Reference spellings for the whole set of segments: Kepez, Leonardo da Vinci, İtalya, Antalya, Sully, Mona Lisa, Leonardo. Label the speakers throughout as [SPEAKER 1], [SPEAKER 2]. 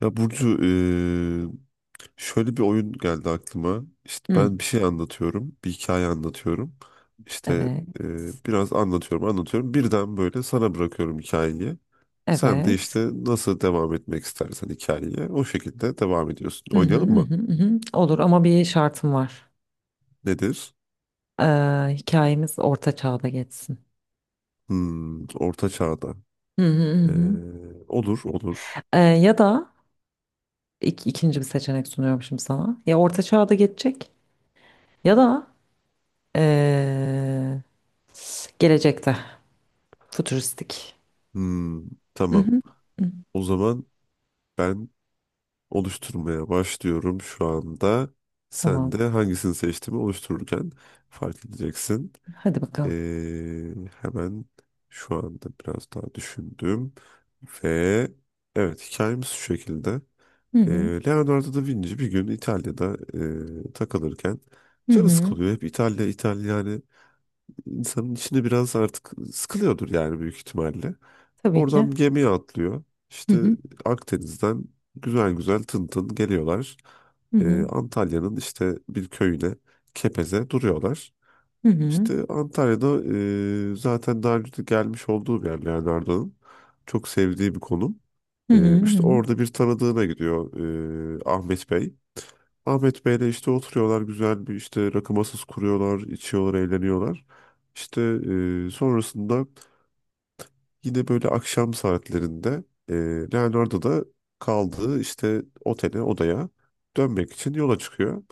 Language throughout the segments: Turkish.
[SPEAKER 1] Ya Burcu şöyle bir oyun geldi aklıma. İşte
[SPEAKER 2] Hı,
[SPEAKER 1] ben bir şey anlatıyorum, bir hikaye anlatıyorum. İşte
[SPEAKER 2] evet.
[SPEAKER 1] biraz anlatıyorum, anlatıyorum. Birden böyle sana bırakıyorum hikayeyi. Sen de
[SPEAKER 2] Evet.
[SPEAKER 1] işte nasıl devam etmek istersen hikayeye o şekilde devam ediyorsun.
[SPEAKER 2] Hı hı,
[SPEAKER 1] Oynayalım
[SPEAKER 2] hı
[SPEAKER 1] mı?
[SPEAKER 2] hı, hı hı. Olur ama bir şartım var.
[SPEAKER 1] Nedir?
[SPEAKER 2] Ee, Hikayemiz orta çağda geçsin.
[SPEAKER 1] Hmm, Orta Çağ'da.
[SPEAKER 2] Hı hı, hı
[SPEAKER 1] Eee,
[SPEAKER 2] hı.
[SPEAKER 1] olur, olur.
[SPEAKER 2] Ya da ikinci bir seçenek sunuyorum şimdi sana. Ya orta çağda geçecek ya da ee, gelecekte fütüristik.
[SPEAKER 1] Hmm,
[SPEAKER 2] Hı
[SPEAKER 1] tamam.
[SPEAKER 2] hı, hı.
[SPEAKER 1] O zaman ben oluşturmaya başlıyorum şu anda. Sen
[SPEAKER 2] Tamam.
[SPEAKER 1] de hangisini seçtiğimi oluştururken fark edeceksin.
[SPEAKER 2] Hadi bakalım.
[SPEAKER 1] Ee, hemen şu anda biraz daha düşündüm. Ve evet, hikayemiz şu şekilde.
[SPEAKER 2] Hı
[SPEAKER 1] Ee,
[SPEAKER 2] hı,
[SPEAKER 1] Leonardo da Vinci bir gün İtalya'da takılırken
[SPEAKER 2] hı
[SPEAKER 1] canı
[SPEAKER 2] hı.
[SPEAKER 1] sıkılıyor. Hep İtalya, İtalya, yani insanın içinde biraz artık sıkılıyordur yani büyük ihtimalle.
[SPEAKER 2] Tabii ki.
[SPEAKER 1] Oradan bir gemiye atlıyor.
[SPEAKER 2] Hı
[SPEAKER 1] İşte
[SPEAKER 2] hı,
[SPEAKER 1] Akdeniz'den güzel güzel tın tın geliyorlar.
[SPEAKER 2] hı hı,
[SPEAKER 1] Antalya'nın işte bir köyüne, Kepez'e duruyorlar.
[SPEAKER 2] hı hı,
[SPEAKER 1] İşte Antalya'da zaten daha önce de gelmiş olduğu bir yer Leonardo'nun. Çok sevdiği bir konum.
[SPEAKER 2] hı hı, hı
[SPEAKER 1] İşte
[SPEAKER 2] hı.
[SPEAKER 1] orada bir tanıdığına gidiyor, Ahmet Bey. Ahmet Bey'le işte oturuyorlar, güzel bir işte rakı masası kuruyorlar, içiyorlar, eğleniyorlar. İşte sonrasında yine böyle akşam saatlerinde e, Leonardo da kaldığı işte otele, odaya dönmek için yola çıkıyor.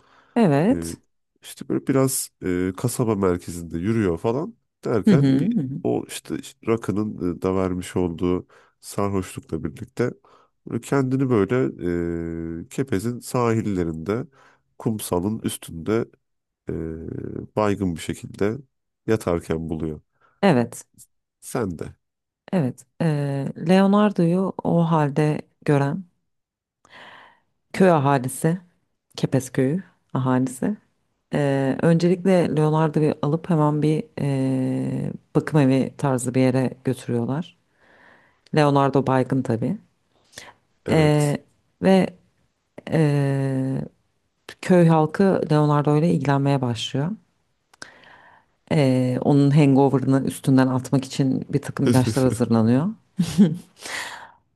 [SPEAKER 1] E,
[SPEAKER 2] Evet.
[SPEAKER 1] işte böyle biraz kasaba merkezinde yürüyor falan
[SPEAKER 2] Hı hı,
[SPEAKER 1] derken bir
[SPEAKER 2] hı hı.
[SPEAKER 1] o işte rakının da vermiş olduğu sarhoşlukla birlikte böyle kendini böyle Kepez'in sahillerinde kumsalın üstünde, e, baygın bir şekilde yatarken buluyor.
[SPEAKER 2] Evet.
[SPEAKER 1] Sen de.
[SPEAKER 2] Evet, Leonardo'yu o halde gören köy ahalisi, Kepez köyü ahalisi. Öncelikle Leonardo'yu alıp hemen bir bakım evi tarzı bir yere götürüyorlar. Leonardo baygın tabii.
[SPEAKER 1] Evet.
[SPEAKER 2] Eee, Ve eee, köy halkı Leonardo ile ilgilenmeye başlıyor. Onun hangover'ını üstünden atmak için bir takım ilaçlar hazırlanıyor.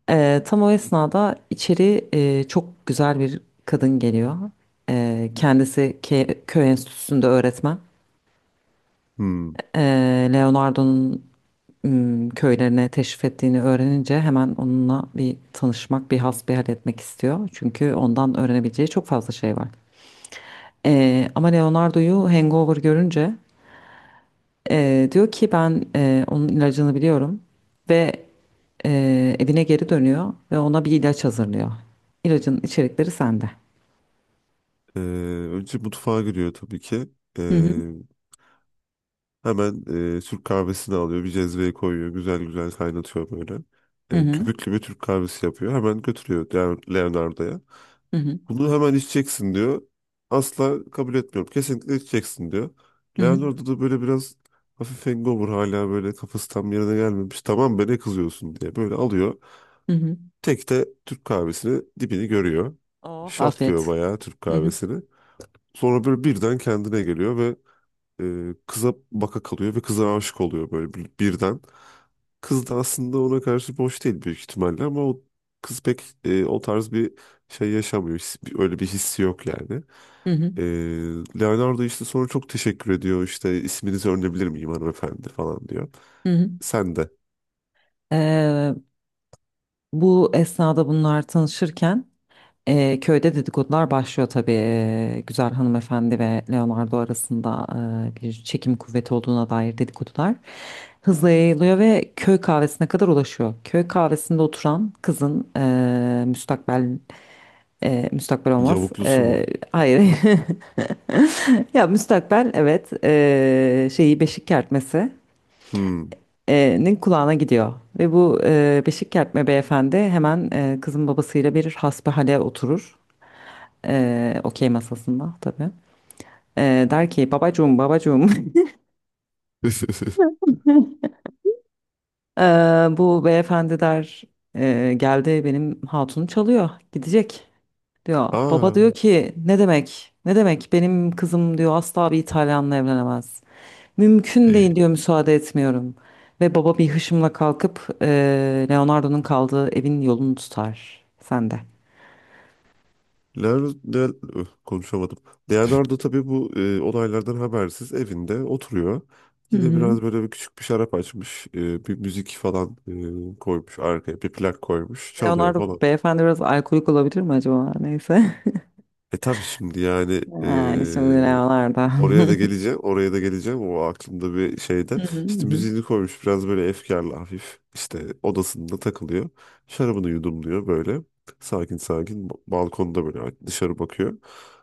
[SPEAKER 2] Tam o esnada içeri çok güzel bir kadın geliyor. Kendisi köy enstitüsünde öğretmen.
[SPEAKER 1] Hmm.
[SPEAKER 2] Leonardo'nun köylerine teşrif ettiğini öğrenince hemen onunla bir tanışmak, bir hasbihal etmek istiyor. Çünkü ondan öğrenebileceği çok fazla şey var. Ama Leonardo'yu hangover görünce diyor ki ben onun ilacını biliyorum ve evine geri dönüyor ve ona bir ilaç hazırlıyor. İlacın içerikleri sende.
[SPEAKER 1] Ee, önce mutfağa giriyor tabii ki.
[SPEAKER 2] Hı hı.
[SPEAKER 1] Ee, hemen Türk kahvesini alıyor. Bir cezveye koyuyor. Güzel güzel kaynatıyor böyle.
[SPEAKER 2] Hı hı.
[SPEAKER 1] Köpüklü bir Türk kahvesi yapıyor. Hemen götürüyor Leonardo'ya.
[SPEAKER 2] Hı hı.
[SPEAKER 1] Bunu hemen içeceksin diyor. Asla kabul etmiyorum. Kesinlikle içeceksin diyor.
[SPEAKER 2] Hı hı.
[SPEAKER 1] Leonardo da böyle biraz hafif hangover, hala böyle kafası tam yerine gelmemiş. Tamam be, ne kızıyorsun diye böyle alıyor.
[SPEAKER 2] Hı hı.
[SPEAKER 1] Tek de Türk kahvesini dibini görüyor.
[SPEAKER 2] Oh,
[SPEAKER 1] Şatlıyor
[SPEAKER 2] afiyet.
[SPEAKER 1] bayağı Türk
[SPEAKER 2] Hı hı.
[SPEAKER 1] kahvesini. Sonra böyle birden kendine geliyor ve kıza baka kalıyor ve kıza aşık oluyor böyle birden. Kız da aslında ona karşı boş değil büyük ihtimalle, ama o kız pek o tarz bir şey yaşamıyor. Öyle bir hissi yok yani.
[SPEAKER 2] Hı hı.
[SPEAKER 1] E, Leonardo işte sonra çok teşekkür ediyor, işte isminizi öğrenebilir miyim hanımefendi falan diyor.
[SPEAKER 2] Hı hı.
[SPEAKER 1] Sen de.
[SPEAKER 2] Ee, Bu esnada bunlar tanışırken köyde dedikodular başlıyor tabii. Güzel hanımefendi ve Leonardo arasında bir çekim kuvveti olduğuna dair dedikodular hızla yayılıyor ve köy kahvesine kadar ulaşıyor. Köy kahvesinde oturan kızın müstakbel. Müstakbel olmaz.
[SPEAKER 1] Yavuklusu mu?
[SPEAKER 2] Hayır. Ya müstakbel, evet, şeyi beşik kertmesinin
[SPEAKER 1] Hmm.
[SPEAKER 2] kulağına gidiyor. Ve bu beşik kertme beyefendi hemen kızın babasıyla bir hasbihale oturur. Okey masasında tabii. Der ki babacığım, babacığım. Ee, Bu beyefendi der Geldi benim hatunu çalıyor, gidecek" diyor. Baba
[SPEAKER 1] Aa.
[SPEAKER 2] diyor ki ne demek, ne demek, benim kızım diyor asla bir İtalyanla evlenemez. Mümkün değil diyor, müsaade etmiyorum. Ve baba bir hışımla kalkıp Leonardo'nun kaldığı evin yolunu tutar. Sen de.
[SPEAKER 1] Leonardo, Leo- konuşamadım. Leonardo tabii bu olaylardan habersiz evinde oturuyor.
[SPEAKER 2] Hı
[SPEAKER 1] Yine
[SPEAKER 2] hı.
[SPEAKER 1] biraz böyle bir küçük bir şarap açmış. Bir müzik falan koymuş arkaya. Bir plak koymuş. Çalıyor
[SPEAKER 2] Leonardo
[SPEAKER 1] falan.
[SPEAKER 2] beyefendi biraz alkolik olabilir mi acaba? Neyse.
[SPEAKER 1] E tabii şimdi yani
[SPEAKER 2] Yani şimdi Leonardo.
[SPEAKER 1] oraya da geleceğim, oraya da geleceğim. O aklımda bir şeyde.
[SPEAKER 2] Hı
[SPEAKER 1] İşte
[SPEAKER 2] hı.
[SPEAKER 1] müziğini koymuş biraz böyle efkarlı hafif. İşte odasında takılıyor. Şarabını yudumluyor böyle. Sakin sakin balkonda böyle dışarı bakıyor.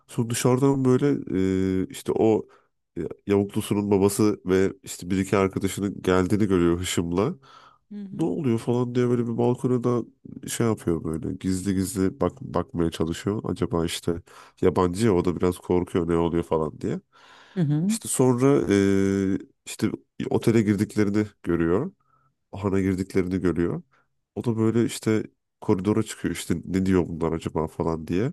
[SPEAKER 1] Sonra dışarıdan böyle işte o yavuklusunun babası ve işte bir iki arkadaşının geldiğini görüyor hışımla.
[SPEAKER 2] Hı hı.
[SPEAKER 1] Ne oluyor falan diye böyle bir balkona da şey yapıyor, böyle gizli gizli bakmaya çalışıyor. Acaba işte yabancı ya, o da biraz korkuyor ne oluyor falan diye.
[SPEAKER 2] Hı hı.
[SPEAKER 1] İşte sonra işte otele girdiklerini görüyor. Ahana girdiklerini görüyor. O da böyle işte koridora çıkıyor, işte ne diyor bunlar acaba falan diye.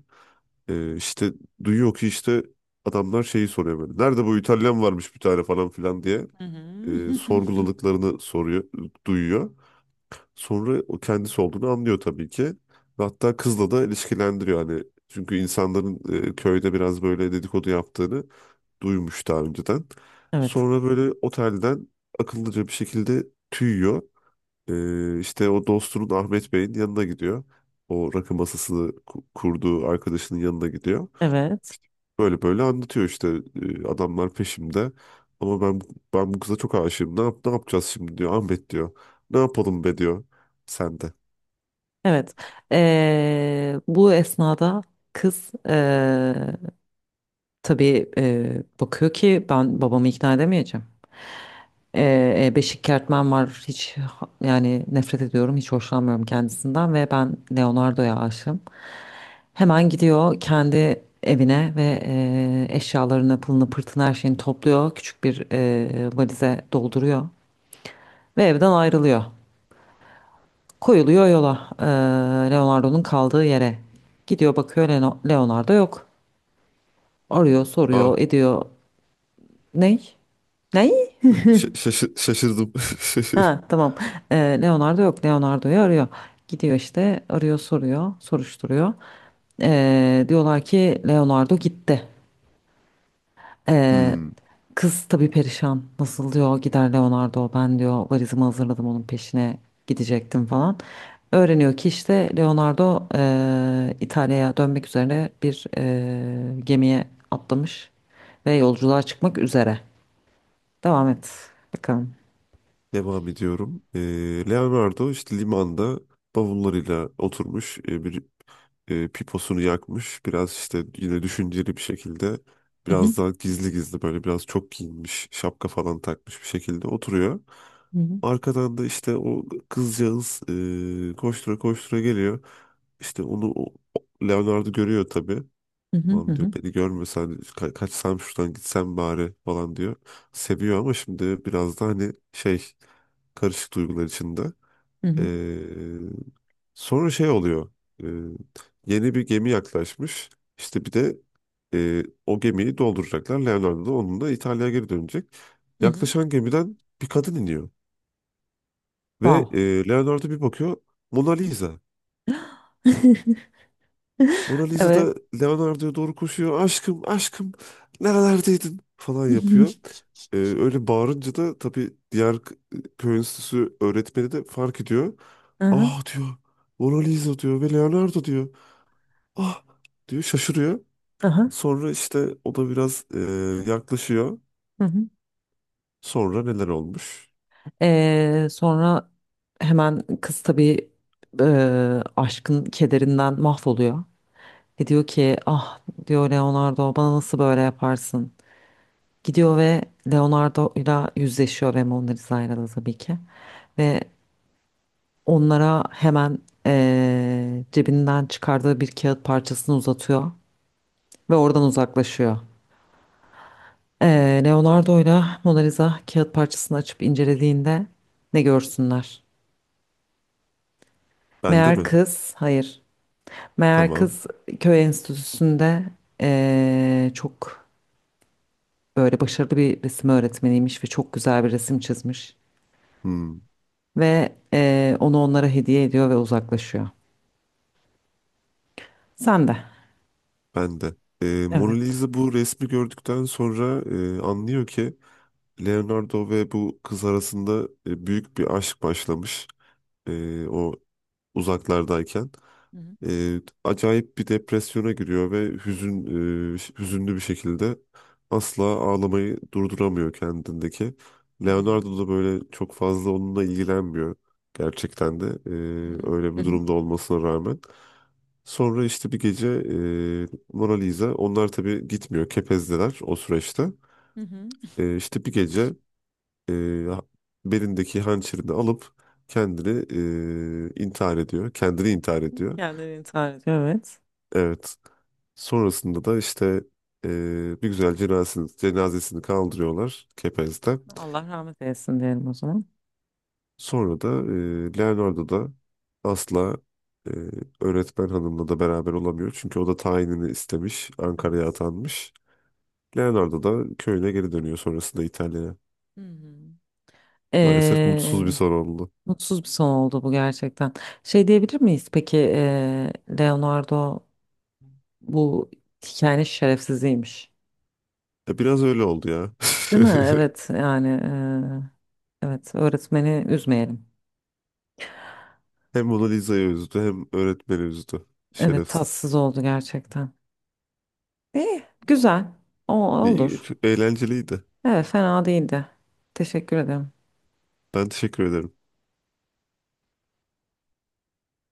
[SPEAKER 1] İşte duyuyor ki işte adamlar şeyi soruyor böyle. Nerede bu İtalyan, varmış bir tane falan filan diye
[SPEAKER 2] Hı hı. Hı
[SPEAKER 1] sorguladıklarını soruyor, duyuyor. Sonra o kendisi olduğunu anlıyor tabii ki. Ve hatta kızla da ilişkilendiriyor hani. Çünkü insanların köyde biraz böyle dedikodu yaptığını duymuş daha önceden.
[SPEAKER 2] Evet.
[SPEAKER 1] Sonra böyle otelden akıllıca bir şekilde tüyüyor. İşte o dostunun Ahmet Bey'in yanına gidiyor. O rakı masasını kurduğu arkadaşının yanına gidiyor.
[SPEAKER 2] Evet.
[SPEAKER 1] Böyle böyle anlatıyor, işte adamlar peşimde. Ama ben bu kıza çok aşığım. Ne yap, ne yapacağız şimdi diyor. Ahmet diyor. Ne yapalım be diyor. Sen de.
[SPEAKER 2] Evet. Bu esnada kız tabii bakıyor ki ben babamı ikna edemeyeceğim. Beşik Kertmen var. Hiç yani nefret ediyorum. Hiç hoşlanmıyorum kendisinden ve ben Leonardo'ya aşığım. Hemen gidiyor kendi evine ve eşyalarını, pılını, pırtını, her şeyini topluyor. Küçük bir valize dolduruyor ve evden ayrılıyor. Koyuluyor yola, Leonardo'nun kaldığı yere. Gidiyor, bakıyor, Leonardo yok. Arıyor,
[SPEAKER 1] Ah,
[SPEAKER 2] soruyor, ediyor. Ney? Ney?
[SPEAKER 1] şaşırdım.
[SPEAKER 2] Ha, tamam. Leonardo yok. Leonardo'yu arıyor. Gidiyor işte, arıyor, soruyor, soruşturuyor. Diyorlar ki Leonardo gitti. Ee,
[SPEAKER 1] Hmm.
[SPEAKER 2] Kız tabii perişan. Nasıl diyor gider Leonardo, ben diyor valizimi hazırladım, onun peşine gidecektim falan. Öğreniyor ki işte Leonardo İtalya'ya dönmek üzere bir gemiye atlamış ve yolculuğa çıkmak üzere. Devam et bakalım.
[SPEAKER 1] Devam ediyorum. Leonardo işte limanda bavullarıyla oturmuş, piposunu yakmış. Biraz işte yine düşünceli bir şekilde,
[SPEAKER 2] Hı hı,
[SPEAKER 1] biraz daha gizli gizli böyle, biraz çok giyinmiş, şapka falan takmış bir şekilde oturuyor.
[SPEAKER 2] hı hı,
[SPEAKER 1] Arkadan da işte o kızcağız koştura koştura geliyor. İşte onu Leonardo görüyor tabii.
[SPEAKER 2] hı hı, hı
[SPEAKER 1] Ulan diyor,
[SPEAKER 2] hı,
[SPEAKER 1] beni görmesen kaçsam şuradan gitsem bari falan diyor. Seviyor ama şimdi biraz da hani şey, karışık duygular içinde.
[SPEAKER 2] hı hı.
[SPEAKER 1] Ee, sonra şey oluyor. Ee, yeni bir gemi yaklaşmış. İşte bir de o gemiyi dolduracaklar. Leonardo da onunla İtalya'ya geri dönecek.
[SPEAKER 2] Hı hı.
[SPEAKER 1] Yaklaşan gemiden bir kadın iniyor. Ve
[SPEAKER 2] Wow.
[SPEAKER 1] Leonardo bir bakıyor, Mona Lisa. Mona Lisa
[SPEAKER 2] Evet.
[SPEAKER 1] da Leonardo'ya doğru koşuyor. Aşkım, aşkım, nerelerdeydin falan yapıyor. Öyle bağırınca da tabii diğer köy enstitüsü öğretmeni de fark ediyor.
[SPEAKER 2] Aha,
[SPEAKER 1] Ah diyor, Mona Lisa diyor ve Leonardo diyor. Ah diyor, şaşırıyor.
[SPEAKER 2] aha,
[SPEAKER 1] Sonra işte o da biraz yaklaşıyor.
[SPEAKER 2] hı hı.
[SPEAKER 1] Sonra neler olmuş?
[SPEAKER 2] Sonra hemen kız tabii e, aşkın kederinden mahvoluyor. Ve diyor ki ah diyor Leonardo, bana nasıl böyle yaparsın? Gidiyor ve Leonardo ile yüzleşiyor ve Mona Lisa'yla da tabii ki. Ve onlara hemen cebinden çıkardığı bir kağıt parçasını uzatıyor ve oradan uzaklaşıyor. Leonardo'yla Mona Lisa kağıt parçasını açıp incelediğinde ne görsünler?
[SPEAKER 1] Bende
[SPEAKER 2] Meğer
[SPEAKER 1] mi?
[SPEAKER 2] kız, hayır. Meğer
[SPEAKER 1] Tamam.
[SPEAKER 2] kız köy enstitüsünde çok böyle başarılı bir resim öğretmeniymiş ve çok güzel bir resim çizmiş.
[SPEAKER 1] Hmm,
[SPEAKER 2] Ve onu onlara hediye ediyor ve uzaklaşıyor. Sen de.
[SPEAKER 1] bende. Mona
[SPEAKER 2] Evet.
[SPEAKER 1] Lisa bu resmi gördükten sonra anlıyor ki Leonardo ve bu kız arasında büyük bir aşk başlamış. O uzaklardayken.
[SPEAKER 2] Hı
[SPEAKER 1] Acayip bir depresyona giriyor ve hüzünlü bir şekilde asla ağlamayı durduramıyor kendindeki.
[SPEAKER 2] hı, hı hı,
[SPEAKER 1] Leonardo da böyle çok fazla onunla ilgilenmiyor gerçekten de,
[SPEAKER 2] hı hı,
[SPEAKER 1] öyle
[SPEAKER 2] hı
[SPEAKER 1] bir
[SPEAKER 2] hı,
[SPEAKER 1] durumda olmasına rağmen. Sonra işte bir gece, Mona Lisa, onlar tabii gitmiyor, Kepez'deler o süreçte.
[SPEAKER 2] hı hı.
[SPEAKER 1] İşte bir gece e, belindeki hançerini alıp kendini intihar ediyor. Kendini intihar ediyor.
[SPEAKER 2] Kendini intihar ediyor. Evet.
[SPEAKER 1] Evet. Sonrasında da işte e, bir güzel cenazesini kaldırıyorlar Kepez'den.
[SPEAKER 2] Allah rahmet eylesin diyelim o zaman.
[SPEAKER 1] Sonra da Leonardo da asla e, öğretmen hanımla da beraber olamıyor. Çünkü o da tayinini istemiş, Ankara'ya
[SPEAKER 2] Evet.
[SPEAKER 1] atanmış. Leonardo da köyüne geri dönüyor sonrasında, İtalya'ya.
[SPEAKER 2] Hı
[SPEAKER 1] Maalesef mutsuz bir
[SPEAKER 2] hı.
[SPEAKER 1] son oldu.
[SPEAKER 2] Mutsuz bir son oldu bu gerçekten. Şey diyebilir miyiz peki, Leonardo bu hikayenin şerefsiziymiş.
[SPEAKER 1] Biraz öyle oldu ya.
[SPEAKER 2] Değil mi? Evet yani, evet öğretmeni üzmeyelim.
[SPEAKER 1] Hem Mona Lisa'yı üzdü hem öğretmeni üzdü.
[SPEAKER 2] Evet,
[SPEAKER 1] Şerefsiz.
[SPEAKER 2] tatsız oldu gerçekten. İyi güzel, o
[SPEAKER 1] İyi,
[SPEAKER 2] olur.
[SPEAKER 1] çok eğlenceliydi.
[SPEAKER 2] Evet, fena değildi. Teşekkür ederim.
[SPEAKER 1] Ben teşekkür ederim.